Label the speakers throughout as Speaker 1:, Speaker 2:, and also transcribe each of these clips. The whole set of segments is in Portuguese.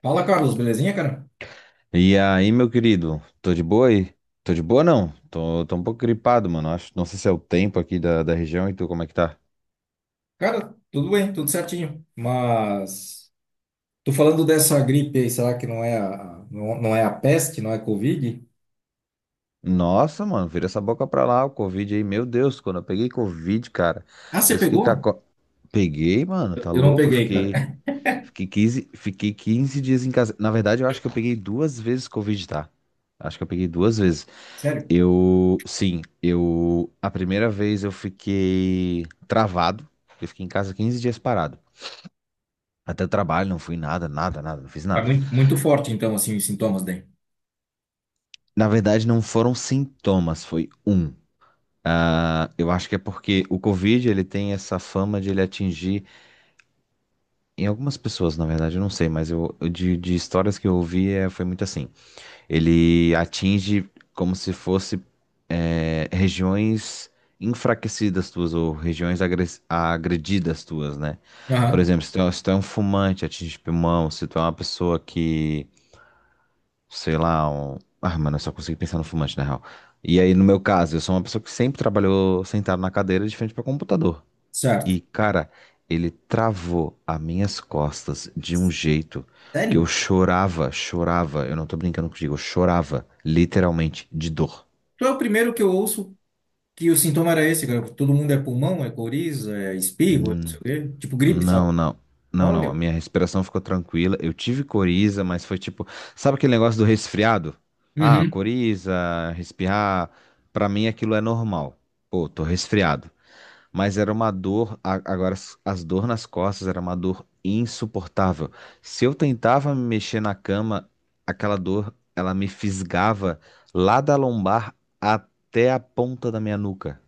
Speaker 1: Fala, Carlos, belezinha, cara?
Speaker 2: E aí, meu querido, tô de boa aí? Tô de boa não, tô um pouco gripado, mano, acho, não sei se é o tempo aqui da região e tu, como é que tá?
Speaker 1: Cara, tudo bem, tudo certinho. Mas tô falando dessa gripe aí, será que não é a, não, não é a peste, não é Covid?
Speaker 2: Nossa, mano, vira essa boca pra lá, o Covid aí, meu Deus, quando eu peguei Covid, cara,
Speaker 1: Ah, você
Speaker 2: eu fiquei com a...
Speaker 1: pegou?
Speaker 2: co- Peguei, mano,
Speaker 1: Eu
Speaker 2: tá
Speaker 1: eu não
Speaker 2: louco?
Speaker 1: peguei, cara.
Speaker 2: Fiquei, fiquei quinze, fiquei quinze dias em casa. Na verdade, eu acho que eu peguei duas vezes Covid, tá? Acho que eu peguei duas vezes.
Speaker 1: Sério?
Speaker 2: Eu sim, a primeira vez eu fiquei travado, eu fiquei em casa 15 dias parado. Até o trabalho, não fui nada, nada, nada, não fiz
Speaker 1: É
Speaker 2: nada.
Speaker 1: muito, muito forte, então, assim, os sintomas daí.
Speaker 2: Na verdade, não foram sintomas, foi um. Ah, eu acho que é porque o Covid, ele tem essa fama de ele atingir, em algumas pessoas, na verdade, eu não sei, mas de histórias que eu ouvi, foi muito assim. Ele atinge como se fosse regiões enfraquecidas tuas ou regiões agredidas tuas, né? Por
Speaker 1: Aham,
Speaker 2: exemplo, se tu é um fumante, atinge pulmão, se tu é uma pessoa que sei lá, Ah, mano, eu só consigo pensar no fumante, na real. E aí, no meu caso, eu sou uma pessoa que sempre trabalhou sentado na cadeira de frente para computador.
Speaker 1: certo.
Speaker 2: E, cara, ele travou as minhas costas de um jeito que eu
Speaker 1: Sério?
Speaker 2: chorava, chorava. Eu não tô brincando contigo, eu chorava, literalmente, de dor.
Speaker 1: Tu é o primeiro que eu ouço que o sintoma era esse, cara. Todo mundo é pulmão, é coriza, é espirro, é não sei o quê. Tipo gripe, sabe?
Speaker 2: Não, não. Não, não, a
Speaker 1: Olha.
Speaker 2: minha respiração ficou tranquila. Eu tive coriza, mas foi tipo, sabe aquele negócio do resfriado? Ah,
Speaker 1: Uhum.
Speaker 2: coriza, respirar, pra mim aquilo é normal. Pô, tô resfriado. Mas era uma dor, agora as dor nas costas era uma dor insuportável. Se eu tentava me mexer na cama, aquela dor, ela me fisgava lá da lombar até a ponta da minha nuca.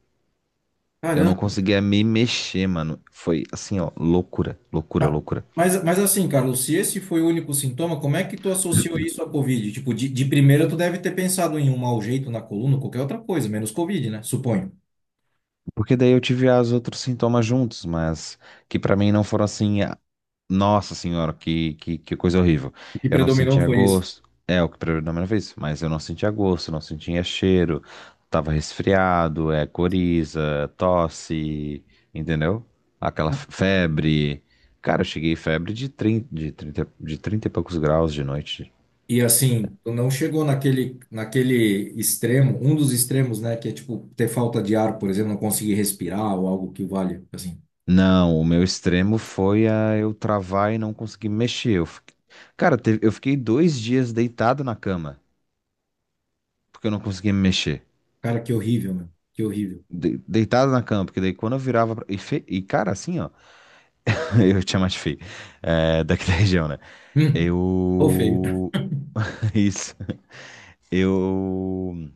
Speaker 2: Eu
Speaker 1: Caramba.
Speaker 2: não conseguia me mexer, mano. Foi assim, ó, loucura, loucura,
Speaker 1: Ma-
Speaker 2: loucura.
Speaker 1: Mas, assim, Carlos, se esse foi o único sintoma, como é que tu associou isso à Covid? Tipo, de primeira tu deve ter pensado em um mau jeito na coluna, qualquer outra coisa, menos Covid, né? Suponho.
Speaker 2: Porque daí eu tive os outros sintomas juntos, mas que pra mim não foram assim, ah, nossa senhora, que coisa horrível.
Speaker 1: O que
Speaker 2: Eu não
Speaker 1: predominou
Speaker 2: sentia
Speaker 1: foi isso.
Speaker 2: gosto, é o que predominou na primeira vez, mas eu não sentia gosto, não sentia cheiro, tava resfriado, é coriza, tosse, entendeu? Aquela febre. Cara, eu cheguei febre de 30 e poucos graus de noite.
Speaker 1: E assim, tu não chegou naquele, naquele extremo, um dos extremos, né? Que é tipo ter falta de ar, por exemplo, não conseguir respirar ou algo que valha. Assim,
Speaker 2: Não, o meu extremo foi a eu travar e não conseguir me mexer. Cara, eu fiquei 2 dias deitado na cama, porque eu não conseguia me mexer.
Speaker 1: cara, que horrível, meu. Que horrível.
Speaker 2: Deitado na cama, porque daí quando eu virava. E, cara, assim, ó. Eu tinha mais feio. É, daqui da região, né?
Speaker 1: Hum, ou feio.
Speaker 2: Eu. Isso. Eu.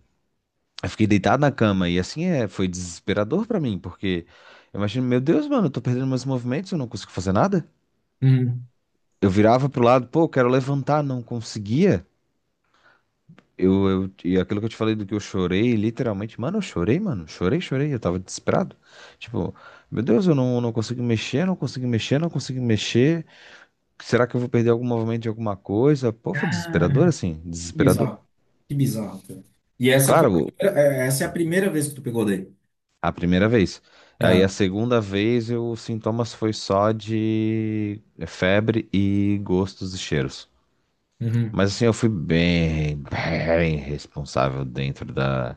Speaker 2: Eu fiquei deitado na cama e assim foi desesperador pra mim, porque eu imagino, meu Deus, mano, eu tô perdendo meus movimentos, eu não consigo fazer nada.
Speaker 1: Hum.
Speaker 2: Eu virava pro lado, pô, eu quero levantar, não conseguia. E aquilo que eu te falei do que eu chorei, literalmente, mano, eu chorei, mano, chorei, chorei, eu tava desesperado. Tipo, meu Deus, eu não consigo mexer, não consigo mexer, não consigo mexer. Será que eu vou perder algum movimento de alguma coisa? Pô, foi desesperador
Speaker 1: Ah,
Speaker 2: assim,
Speaker 1: que
Speaker 2: desesperador.
Speaker 1: bizarro. Que bizarro, cara. E essa foi a
Speaker 2: Claro,
Speaker 1: primeira- é, essa é a primeira vez que tu pegou daí.
Speaker 2: a primeira vez. Aí a
Speaker 1: Ah,
Speaker 2: segunda vez, os sintomas foi só de febre e gostos e cheiros.
Speaker 1: uhum.
Speaker 2: Mas assim, eu fui bem, bem responsável dentro da,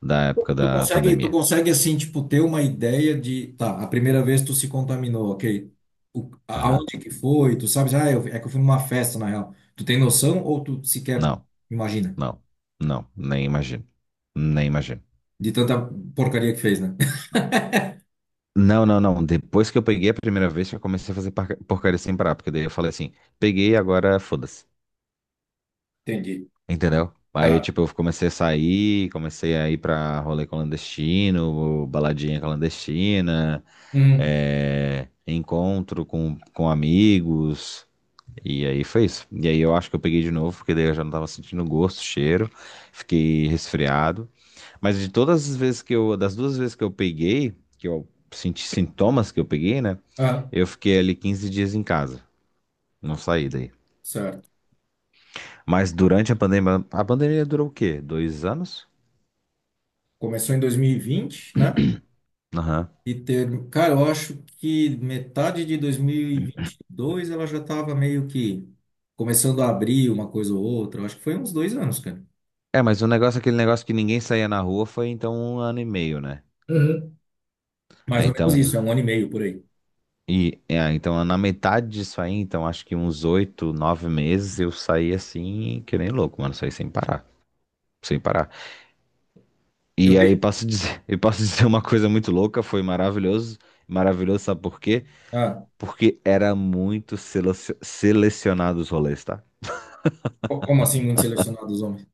Speaker 2: da época da
Speaker 1: Tu
Speaker 2: pandemia.
Speaker 1: consegue assim, tipo, ter uma ideia de, tá, a primeira vez tu se contaminou, ok? O,
Speaker 2: Aham.
Speaker 1: aonde que foi? Tu sabes, ah, eu, é que eu fui numa festa, na real. Tu tem noção ou tu sequer
Speaker 2: Não.
Speaker 1: imagina?
Speaker 2: Não, não, nem imagino. Nem imagino.
Speaker 1: De tanta porcaria que fez, né?
Speaker 2: Não, não, não. Depois que eu peguei a primeira vez, que eu comecei a fazer porcaria sem parar. Porque daí eu falei assim, peguei, agora foda-se.
Speaker 1: Entendi.
Speaker 2: Entendeu? Aí,
Speaker 1: Ah,
Speaker 2: tipo, eu comecei a sair, comecei a ir pra rolê clandestino, baladinha clandestina,
Speaker 1: uhum.
Speaker 2: encontro com amigos. E aí foi isso. E aí eu acho que eu peguei de novo, porque daí eu já não tava sentindo gosto, cheiro. Fiquei resfriado. Mas de todas as vezes das duas vezes que eu peguei, que eu senti sintomas que eu peguei, né?
Speaker 1: Ah,
Speaker 2: Eu fiquei ali 15 dias em casa, não saí daí.
Speaker 1: certo.
Speaker 2: Mas durante a pandemia durou o quê? 2 anos?
Speaker 1: Começou em 2020, né?
Speaker 2: Aham.
Speaker 1: E ter, cara, eu acho que metade de dois mil e vinte e dois ela já tava meio que começando a abrir uma coisa ou outra. Eu acho que foi uns dois anos, cara.
Speaker 2: É, mas o negócio, aquele negócio que ninguém saía na rua foi então um ano e meio, né? Ah,
Speaker 1: Mais ou menos
Speaker 2: então,
Speaker 1: isso, é um ano e meio por aí.
Speaker 2: então na metade disso aí, então acho que uns oito, nove meses eu saí assim, que nem louco, mano, saí sem parar, sem parar.
Speaker 1: Eu
Speaker 2: E aí
Speaker 1: tenho.
Speaker 2: posso dizer, eu posso dizer uma coisa muito louca, foi maravilhoso. Maravilhoso, sabe por quê?
Speaker 1: Ah,
Speaker 2: Porque era muito selecionado os rolês, tá?
Speaker 1: como assim, muito selecionados homens?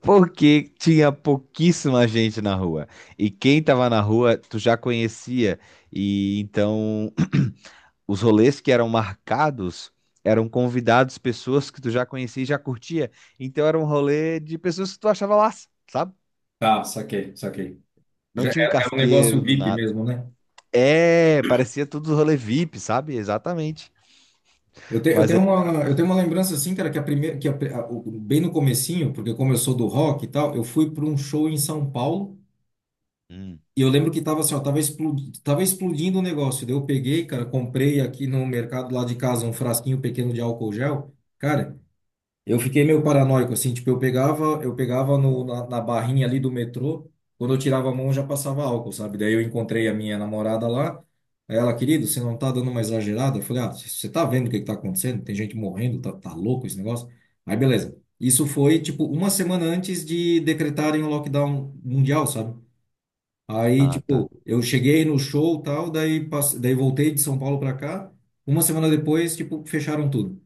Speaker 2: Porque tinha pouquíssima gente na rua. E quem tava na rua, tu já conhecia. E então, os rolês que eram marcados eram convidados pessoas que tu já conhecia e já curtia. Então era um rolê de pessoas que tu achava lá, sabe?
Speaker 1: Tá, saquei, saquei.
Speaker 2: Não
Speaker 1: Já é,
Speaker 2: tinha um
Speaker 1: é um negócio
Speaker 2: casqueiro do
Speaker 1: VIP
Speaker 2: nada.
Speaker 1: mesmo, né?
Speaker 2: É, parecia tudo rolê VIP, sabe? Exatamente. Mas aí.
Speaker 1: Eu tenho uma lembrança assim, cara, que a primeira, que a- o- bem no comecinho, porque como eu sou do rock e tal, eu fui para um show em São Paulo
Speaker 2: Hum,
Speaker 1: e eu lembro que tava assim, ó, tava explodindo o negócio. Daí eu peguei, cara, comprei aqui no mercado lá de casa um frasquinho pequeno de álcool gel. Cara, eu fiquei meio paranoico, assim, tipo, eu pegava no, na, na barrinha ali do metrô, quando eu tirava a mão já passava álcool, sabe? Daí eu encontrei a minha namorada lá, aí ela, querido, você não tá dando uma exagerada? Eu falei, ah, você tá vendo o que que tá acontecendo? Tem gente morrendo, tá, tá louco esse negócio? Aí beleza. Isso foi, tipo, uma semana antes de decretarem o lockdown mundial, sabe? Aí,
Speaker 2: ah, tá.
Speaker 1: tipo, eu cheguei no show e tal, daí, passe... daí voltei de São Paulo pra cá, uma semana depois, tipo, fecharam tudo.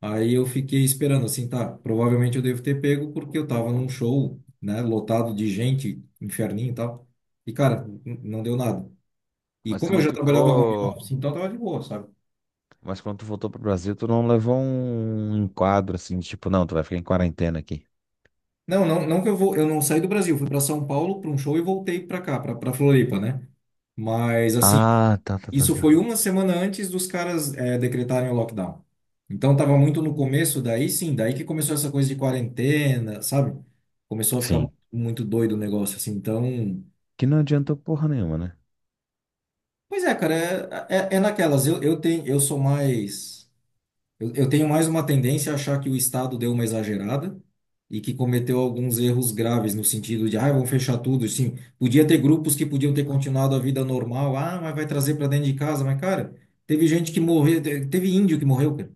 Speaker 1: Aí eu fiquei esperando, assim, tá, provavelmente eu devo ter pego porque eu tava num show, né, lotado de gente, inferninho e tal. E, cara, não deu nada. E
Speaker 2: Mas tu
Speaker 1: como eu
Speaker 2: não
Speaker 1: já trabalhava home
Speaker 2: ficou.
Speaker 1: office, então tava de boa, sabe?
Speaker 2: Mas quando tu voltou pro Brasil, tu não levou um enquadro assim, tipo, não, tu vai ficar em quarentena aqui.
Speaker 1: Não, não, não que eu vou, eu não saí do Brasil, fui para São Paulo para um show e voltei para cá, para Floripa, né? Mas, assim,
Speaker 2: Ah, tá, tá, tá,
Speaker 1: isso foi
Speaker 2: tá.
Speaker 1: uma semana antes dos caras, decretarem o lockdown. Então tava muito no começo, daí sim, daí que começou essa coisa de quarentena, sabe? Começou a ficar
Speaker 2: Sim.
Speaker 1: muito doido o negócio, assim, então...
Speaker 2: Que não adiantou porra nenhuma, né?
Speaker 1: Pois é, cara, é, é, é naquelas. Eu tenho, eu sou mais. Eu tenho mais uma tendência a achar que o Estado deu uma exagerada e que cometeu alguns erros graves no sentido de, ah, vão fechar tudo. Sim, podia ter grupos que podiam ter continuado a vida normal. Ah, mas vai trazer para dentro de casa. Mas, cara, teve gente que morreu, teve índio que morreu, cara.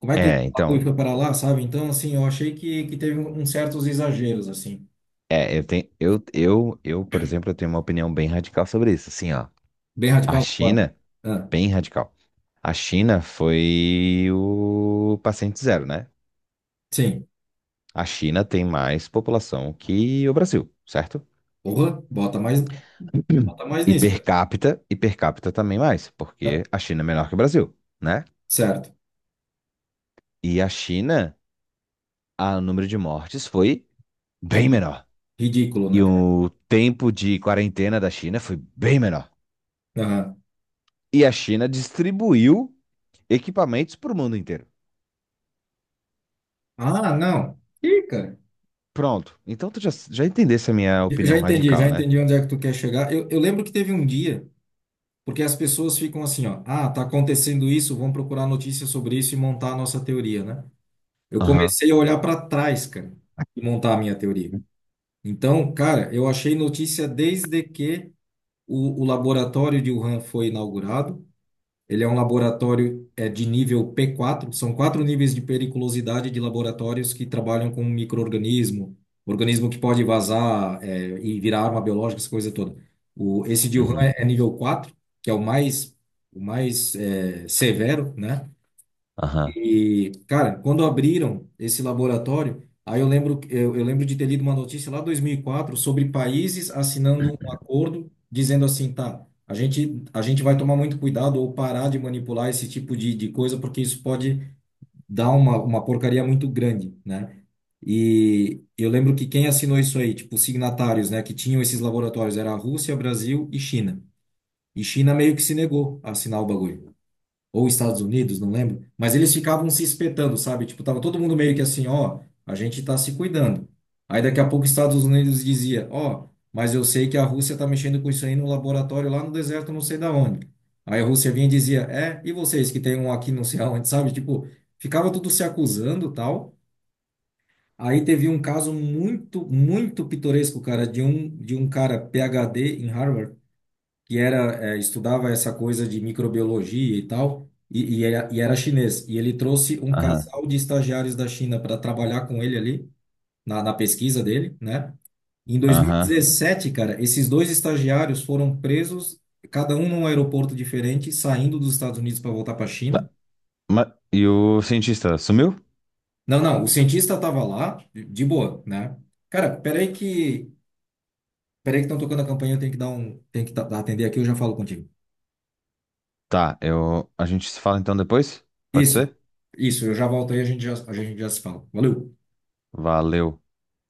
Speaker 1: Como é que o
Speaker 2: É,
Speaker 1: bagulho
Speaker 2: então.
Speaker 1: foi para lá, sabe? Então, assim, eu achei que teve um, uns certos exageros, assim.
Speaker 2: É, eu tenho. Por exemplo, eu tenho uma opinião bem radical sobre isso. Assim, ó.
Speaker 1: Bem
Speaker 2: A
Speaker 1: radical, claro.
Speaker 2: China,
Speaker 1: Ah,
Speaker 2: bem radical. A China foi o paciente zero, né?
Speaker 1: sim.
Speaker 2: A China tem mais população que o Brasil, certo?
Speaker 1: Porra, bota mais
Speaker 2: E
Speaker 1: nisso,
Speaker 2: per
Speaker 1: cara.
Speaker 2: capita, também mais,
Speaker 1: Tá,
Speaker 2: porque a China é menor que o Brasil, né?
Speaker 1: certo.
Speaker 2: E a China, o número de mortes foi bem
Speaker 1: Ri-
Speaker 2: menor.
Speaker 1: Ridículo,
Speaker 2: E
Speaker 1: né?
Speaker 2: o tempo de quarentena da China foi bem menor.
Speaker 1: Aham.
Speaker 2: E a China distribuiu equipamentos para o mundo inteiro.
Speaker 1: Ah, não. Ih, cara.
Speaker 2: Pronto. Então tu já, entendesse a minha
Speaker 1: Eu já
Speaker 2: opinião
Speaker 1: entendi, já
Speaker 2: radical, né?
Speaker 1: entendi onde é que tu quer chegar. Eu lembro que teve um dia, porque as pessoas ficam assim, ó, ah, tá acontecendo isso, vamos procurar notícias sobre isso e montar a nossa teoria, né? Eu
Speaker 2: Aham.
Speaker 1: comecei a olhar para trás, cara, e montar a minha teoria. Então, cara, eu achei notícia desde que o laboratório de Wuhan foi inaugurado. Ele é um laboratório é, de nível P4, são quatro níveis de periculosidade de laboratórios que trabalham com micro-organismo, organismo que pode vazar é, e virar arma biológica, essa coisa toda. O, esse de Wuhan
Speaker 2: Uhum.
Speaker 1: é, é nível 4, que é o mais é, severo, né?
Speaker 2: Aham.
Speaker 1: E, cara, quando abriram esse laboratório, aí eu lembro de ter lido uma notícia lá em 2004 sobre países assinando um acordo dizendo assim, tá, a gente vai tomar muito cuidado ou parar de manipular esse tipo de coisa, porque isso pode dar uma porcaria muito grande, né? E eu lembro que quem assinou isso aí, tipo, signatários, né, que tinham esses laboratórios, era a Rússia, Brasil e China. E China meio que se negou a assinar o bagulho ou Estados Unidos, não lembro, mas eles ficavam se espetando, sabe? Tipo, tava todo mundo meio que assim, ó, a gente tá se cuidando. Aí daqui a pouco os Estados Unidos dizia, ó, mas eu sei que a Rússia tá mexendo com isso aí no laboratório lá no deserto, não sei da onde. Aí a Rússia vinha e dizia, é, e vocês que tem um aqui não sei aonde, sabe? Tipo, ficava tudo se acusando, tal. Aí teve um caso muito, muito pitoresco, cara, de um cara PhD em Harvard que era, é, estudava essa coisa de microbiologia e tal, era, e era chinês. E ele trouxe um
Speaker 2: Aham.
Speaker 1: casal de estagiários da China para trabalhar com ele ali, na, na pesquisa dele, né? Em
Speaker 2: Aham.
Speaker 1: 2017, cara, esses dois estagiários foram presos, cada um num aeroporto diferente, saindo dos Estados Unidos para voltar para a China.
Speaker 2: Tá. E o cientista sumiu?
Speaker 1: Não, não, o cientista estava lá, de boa, né? Cara, peraí que. Peraí que estão tocando a campainha, eu tenho que dar um. Tenho que atender aqui, eu já falo contigo.
Speaker 2: Tá, a gente se fala então depois? Pode
Speaker 1: Isso,
Speaker 2: ser?
Speaker 1: isso, eu já volto aí, a gente já se fala. Valeu!
Speaker 2: Valeu.